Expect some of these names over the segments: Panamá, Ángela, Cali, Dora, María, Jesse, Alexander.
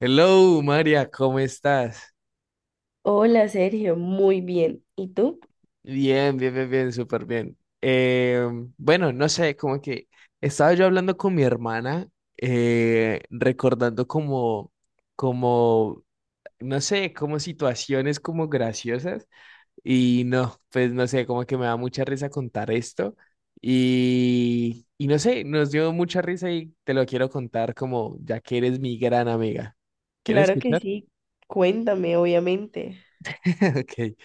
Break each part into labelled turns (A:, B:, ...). A: Hello, María, ¿cómo estás?
B: Hola Sergio, muy bien. ¿Y tú?
A: Bien, bien, bien, bien, súper bien. Bueno, no sé, como que estaba yo hablando con mi hermana, recordando como, no sé, como situaciones como graciosas. Y no, pues no sé, como que me da mucha risa contar esto. Y no sé, nos dio mucha risa y te lo quiero contar como ya que eres mi gran amiga. ¿Quieres
B: Claro que
A: escuchar?
B: sí, cuéntame, obviamente.
A: Ok.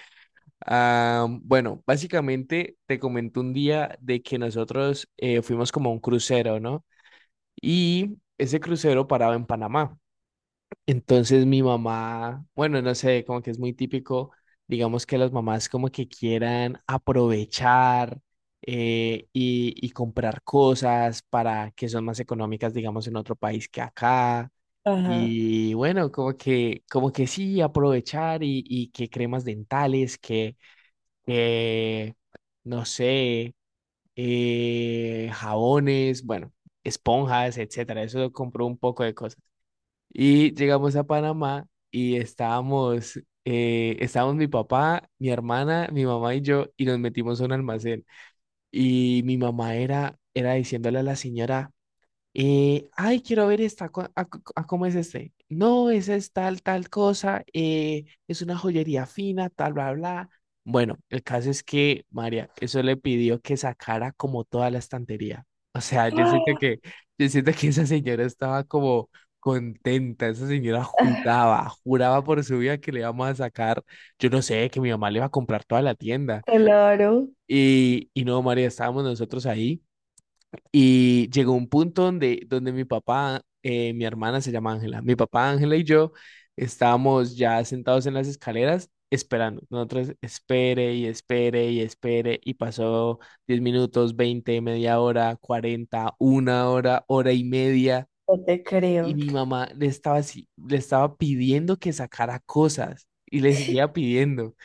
A: Ah, bueno, básicamente te comenté un día de que nosotros fuimos como a un crucero, ¿no? Y ese crucero paraba en Panamá. Entonces mi mamá, bueno, no sé, como que es muy típico, digamos que las mamás como que quieran aprovechar, y comprar cosas para que son más económicas, digamos, en otro país que acá.
B: Ajá.
A: Y bueno, como que sí, aprovechar, y que cremas dentales, que eh, no sé, jabones, bueno, esponjas, etcétera. Eso compró un poco de cosas. Y llegamos a Panamá y estábamos mi papá, mi hermana, mi mamá y yo, y nos metimos a un almacén. Y mi mamá era diciéndole a la señora, ay, quiero ver esta, a cómo es este. No, esa es tal cosa, es una joyería fina, tal, bla, bla. Bueno, el caso es que, María, eso le pidió que sacara como toda la estantería. O sea, yo siento
B: ¡Ah!
A: que, yo siento que esa señora estaba como contenta. Esa señora juraba, juraba por su vida que le íbamos a sacar, yo no sé, que mi mamá le iba a comprar toda la tienda.
B: Claro,
A: Y no, María, estábamos nosotros ahí. Y llegó un punto donde mi papá, mi hermana se llama Ángela, mi papá, Ángela y yo estábamos ya sentados en las escaleras esperando. Nosotros espere y espere y espere y pasó 10 minutos, 20 media hora, 40 una hora, hora y media.
B: no te
A: Y
B: creo.
A: mi mamá le estaba así, le estaba pidiendo que sacara cosas y le seguía pidiendo.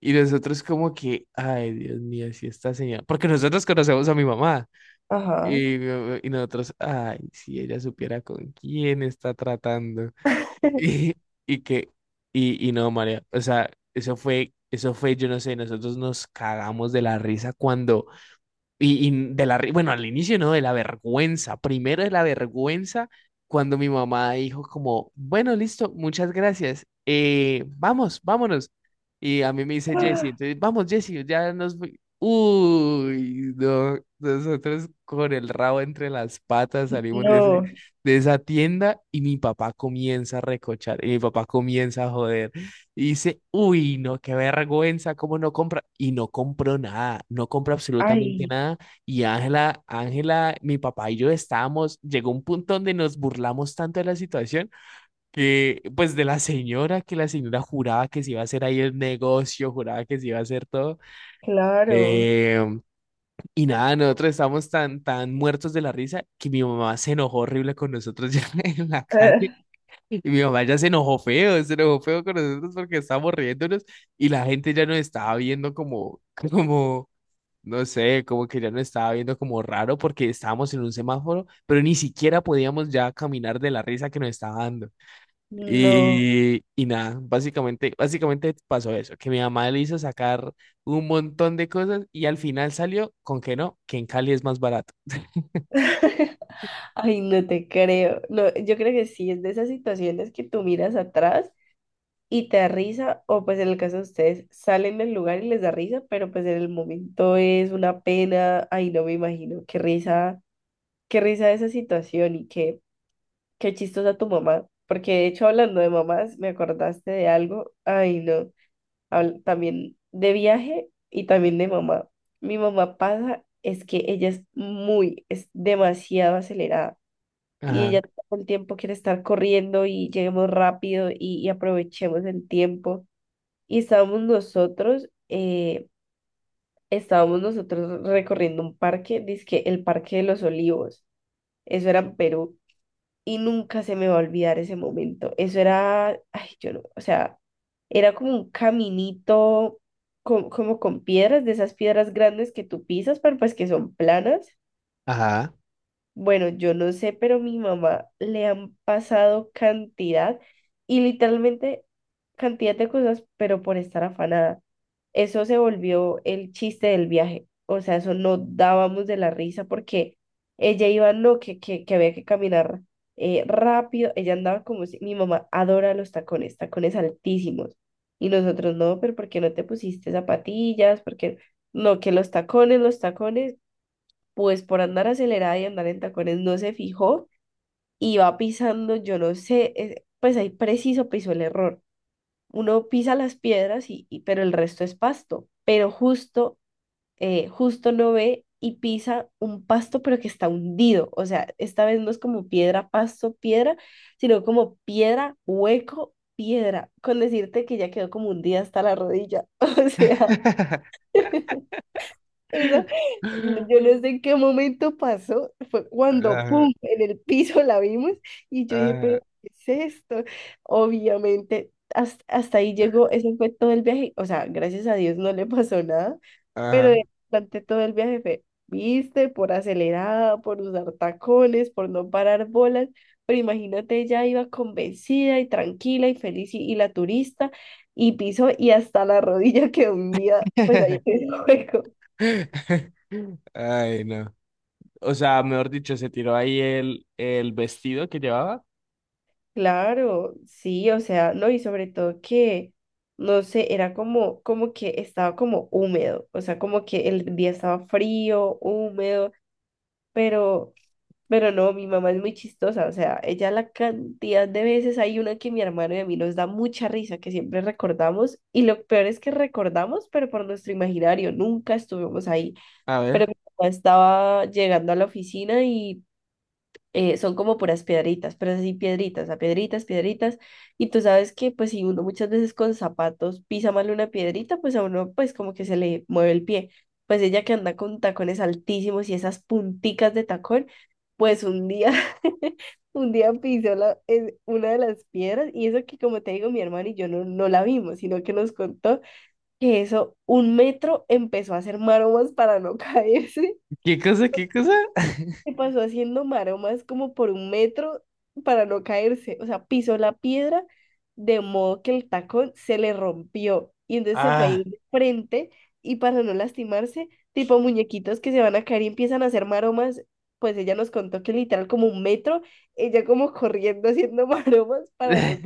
A: Y nosotros como que, ay, Dios mío, si esta señora, porque nosotros conocemos a mi mamá.
B: Ajá.
A: Y nosotros, ay, si ella supiera con quién está tratando. Y, y que, y no, María, o sea, eso fue, yo no sé, nosotros nos cagamos de la risa cuando, y de la, bueno, al inicio no, de la vergüenza. Primero de la vergüenza, cuando mi mamá dijo como, bueno, listo, muchas gracias, vamos, vámonos. Y a mí me dice Jesse, entonces, vamos, Jesse, ya nos... fui". Uy, no, nosotros con el rabo entre las patas salimos de,
B: No,
A: de esa tienda y mi papá comienza a recochar, y mi papá comienza a joder. Y dice, uy, no, qué vergüenza, cómo no compra. Y no compró nada, no compró absolutamente
B: ay,
A: nada. Y Ángela, mi papá y yo estábamos, llegó un punto donde nos burlamos tanto de la situación, que, pues, de la señora, que la señora juraba que se iba a hacer ahí el negocio, juraba que se iba a hacer todo.
B: claro.
A: Eh, y nada, nosotros estábamos tan, tan muertos de la risa que mi mamá se enojó horrible con nosotros ya en la calle.
B: Ah,
A: Y mi mamá ya se enojó feo con nosotros porque estábamos riéndonos y la gente ya nos estaba viendo como, como, no sé, como que ya nos estaba viendo como raro porque estábamos en un semáforo, pero ni siquiera podíamos ya caminar de la risa que nos estaba dando.
B: no,
A: Y nada, básicamente pasó eso, que mi mamá le hizo sacar un montón de cosas y al final salió con que no, que en Cali es más barato.
B: ay, no te creo. No, yo creo que sí, es de esas situaciones que tú miras atrás y te da risa, o pues en el caso de ustedes, salen del lugar y les da risa, pero pues en el momento es una pena. Ay, no me imagino, qué risa esa situación. Y qué, qué chistosa tu mamá, porque de hecho hablando de mamás, me acordaste de algo. Ay, no, también de viaje y también de mamá. Mi mamá pasa, es que ella es muy, es demasiado acelerada. Y
A: Ajá,
B: ella todo el tiempo quiere estar corriendo y lleguemos rápido y aprovechemos el tiempo. Y estábamos nosotros recorriendo un parque, dizque el Parque de los Olivos, eso era en Perú, y nunca se me va a olvidar ese momento. Eso era, ay, yo no, o sea, era como un caminito como con piedras, de esas piedras grandes que tú pisas, pero pues que son planas.
A: ajá.
B: Bueno, yo no sé, pero mi mamá le han pasado cantidad y literalmente cantidad de cosas, pero por estar afanada. Eso se volvió el chiste del viaje. O sea, eso no dábamos de la risa porque ella iba, no, que había que caminar rápido. Ella andaba como si mi mamá adora los tacones, tacones altísimos. Y nosotros no, pero ¿por qué no te pusiste zapatillas? Porque no, que los tacones, los tacones, pues por andar acelerada y andar en tacones no se fijó y va pisando, yo no sé, pues ahí preciso pisó el error. Uno pisa las piedras y, pero el resto es pasto, pero justo, justo no ve y pisa un pasto pero que está hundido. O sea, esta vez no es como piedra, pasto, piedra, sino como piedra, hueco, piedra, con decirte que ya quedó como hundida hasta la rodilla, o sea. Esa, yo no sé en qué momento pasó, fue cuando,
A: Ajá,
B: ¡pum!, en el piso la vimos y yo dije, pero,
A: ajá,
B: ¿qué es esto? Obviamente, hasta, hasta ahí llegó, ese fue todo el viaje. O sea, gracias a Dios no le pasó nada, pero
A: ajá.
B: durante todo el viaje fue, viste, por acelerada, por usar tacones, por no parar bolas, pero imagínate, ella iba convencida y tranquila y feliz y la turista, y piso y hasta la rodilla. Que un día, pues ahí.
A: Ay, no. O sea, mejor dicho, se tiró ahí el vestido que llevaba.
B: Claro, sí, o sea, no, y sobre todo que, no sé, era como, como que estaba como húmedo. O sea, como que el día estaba frío, húmedo, pero, pero no, mi mamá es muy chistosa. O sea, ella la cantidad de veces, hay una que mi hermano y a mí nos da mucha risa, que siempre recordamos, y lo peor es que recordamos, pero por nuestro imaginario, nunca estuvimos ahí,
A: A
B: pero
A: ver,
B: mi mamá estaba llegando a la oficina y son como puras piedritas, pero es así piedritas, a piedritas, piedritas. Y tú sabes que pues si uno muchas veces con zapatos pisa mal una piedrita, pues a uno pues como que se le mueve el pie. Pues ella que anda con tacones altísimos y esas punticas de tacón, pues un día, un día pisó la, una de las piedras, y eso que como te digo, mi hermano y yo no, no la vimos, sino que nos contó que eso un metro empezó a hacer maromas para no caerse,
A: ¿qué cosa, qué cosa?
B: se pasó haciendo maromas como por un metro para no caerse. O sea, pisó la piedra de modo que el tacón se le rompió. Y entonces se fue a
A: Ah.
B: ir de frente, y para no lastimarse, tipo muñequitos que se van a caer y empiezan a hacer maromas. Pues ella nos contó que literal como un metro, ella como corriendo haciendo maromas para no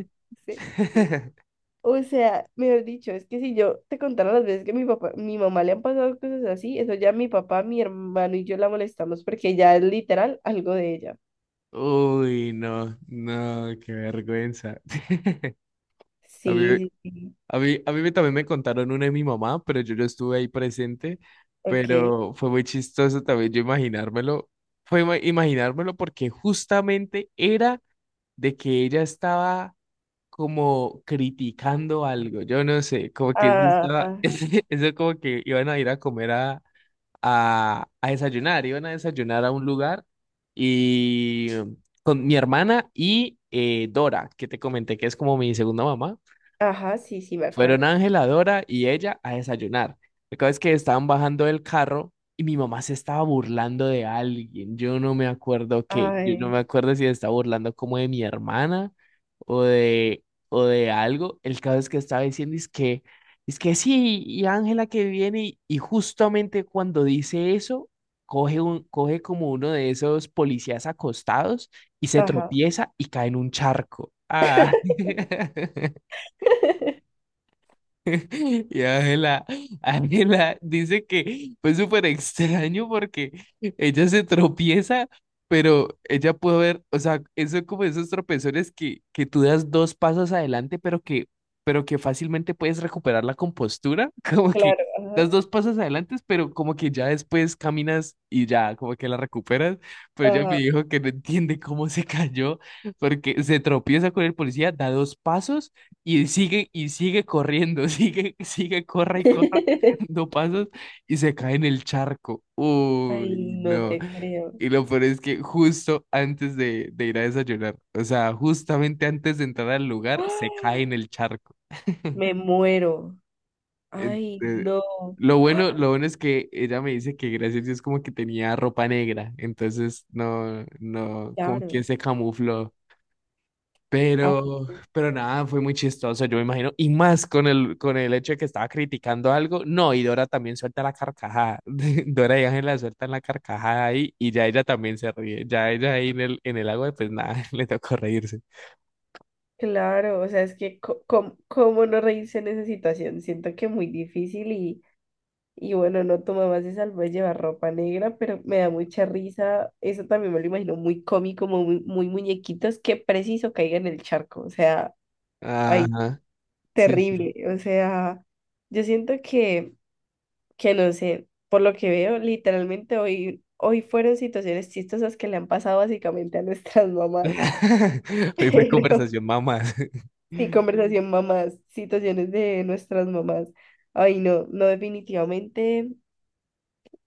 B: caerse. O sea, mejor dicho, es que si yo te contara las veces que mi papá, mi mamá le han pasado cosas así, eso ya mi papá, mi hermano y yo la molestamos porque ya es literal algo de ella.
A: Uy, no, no, qué vergüenza. A mí,
B: Sí, sí, sí.
A: a mí también me contaron una de mi mamá, pero yo no estuve ahí presente,
B: Ok.
A: pero fue muy chistoso también yo imaginármelo. Fue imaginármelo porque justamente era de que ella estaba como criticando algo, yo no sé, como que eso
B: Ah,
A: estaba,
B: ah,
A: eso como que iban a ir a comer a, a, desayunar, iban a desayunar a un lugar, y con mi hermana y Dora, que te comenté que es como mi segunda mamá.
B: ajá, sí, sí, me
A: Fueron
B: acuerdo.
A: Ángela, Dora y ella a desayunar. La cosa es que estaban bajando del carro y mi mamá se estaba burlando de alguien. Yo no me acuerdo qué. Yo no me
B: Ay,
A: acuerdo si se estaba burlando como de mi hermana o de, o de algo. El caso es que estaba diciendo es que sí, y Ángela que viene, y justamente cuando dice eso, coge como uno de esos policías acostados y se
B: ajá.
A: tropieza y cae en un charco. Ah. Y Ángela dice que fue súper extraño porque ella se tropieza, pero ella pudo ver, o sea, eso es como esos tropezones que tú das dos pasos adelante, pero que fácilmente puedes recuperar la compostura, como que
B: Claro, ajá,
A: das dos pasos adelante, pero como que ya después caminas y ya como que la recuperas, pero ella me
B: ajá.
A: dijo que no entiende cómo se cayó, porque se tropieza con el policía, da dos pasos. Y sigue corriendo, sigue, sigue, corra y corra, dando pasos y se cae en el charco.
B: Ay,
A: Uy,
B: no
A: no.
B: te creo.
A: Y lo peor es que justo antes de ir a desayunar, o sea, justamente antes de entrar al lugar, se cae
B: ¡Ah!
A: en el charco.
B: Me muero. Ay,
A: Ente-
B: no,
A: lo bueno, lo bueno es que ella me dice que gracias a Dios como que tenía ropa negra, entonces no, no, como que
B: claro.
A: se camufló. Pero nada, fue muy chistoso, yo me imagino. Y más con el hecho de que estaba criticando algo. No, y Dora también suelta la carcajada. Dora y Ángela sueltan la carcajada ahí y ya ella también se ríe. Ya ella ahí en el agua, pues nada, le tocó reírse.
B: Claro, o sea, es que cómo no reírse en esa situación. Siento que muy difícil y bueno, no, tu mamá se salvó de llevar ropa negra, pero me da mucha risa. Eso también me lo imagino muy cómico, muy, muy muñequitos, que preciso caiga en el charco. O sea, ay,
A: Ajá, sí, sí.
B: terrible. O sea, yo siento que no sé, por lo que veo, literalmente hoy, hoy fueron situaciones chistosas que le han pasado básicamente a nuestras mamás.
A: Hoy fue
B: Pero
A: conversación mamás.
B: sí, conversación mamás, situaciones de nuestras mamás. Ay, no, no, definitivamente,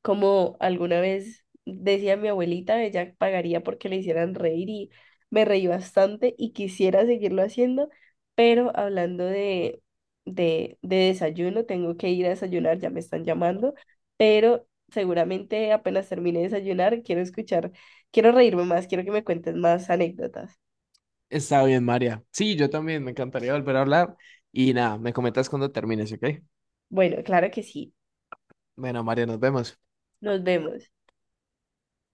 B: como alguna vez decía mi abuelita, ella pagaría porque le hicieran reír, y me reí bastante y quisiera seguirlo haciendo, pero hablando de desayuno, tengo que ir a desayunar, ya me están llamando, pero seguramente apenas termine de desayunar, quiero escuchar, quiero reírme más, quiero que me cuentes más anécdotas.
A: Está bien, María. Sí, yo también, me encantaría volver a hablar. Y nada, me comentas cuando termines, ¿ok?
B: Bueno, claro que sí,
A: Bueno, María, nos vemos.
B: nos vemos.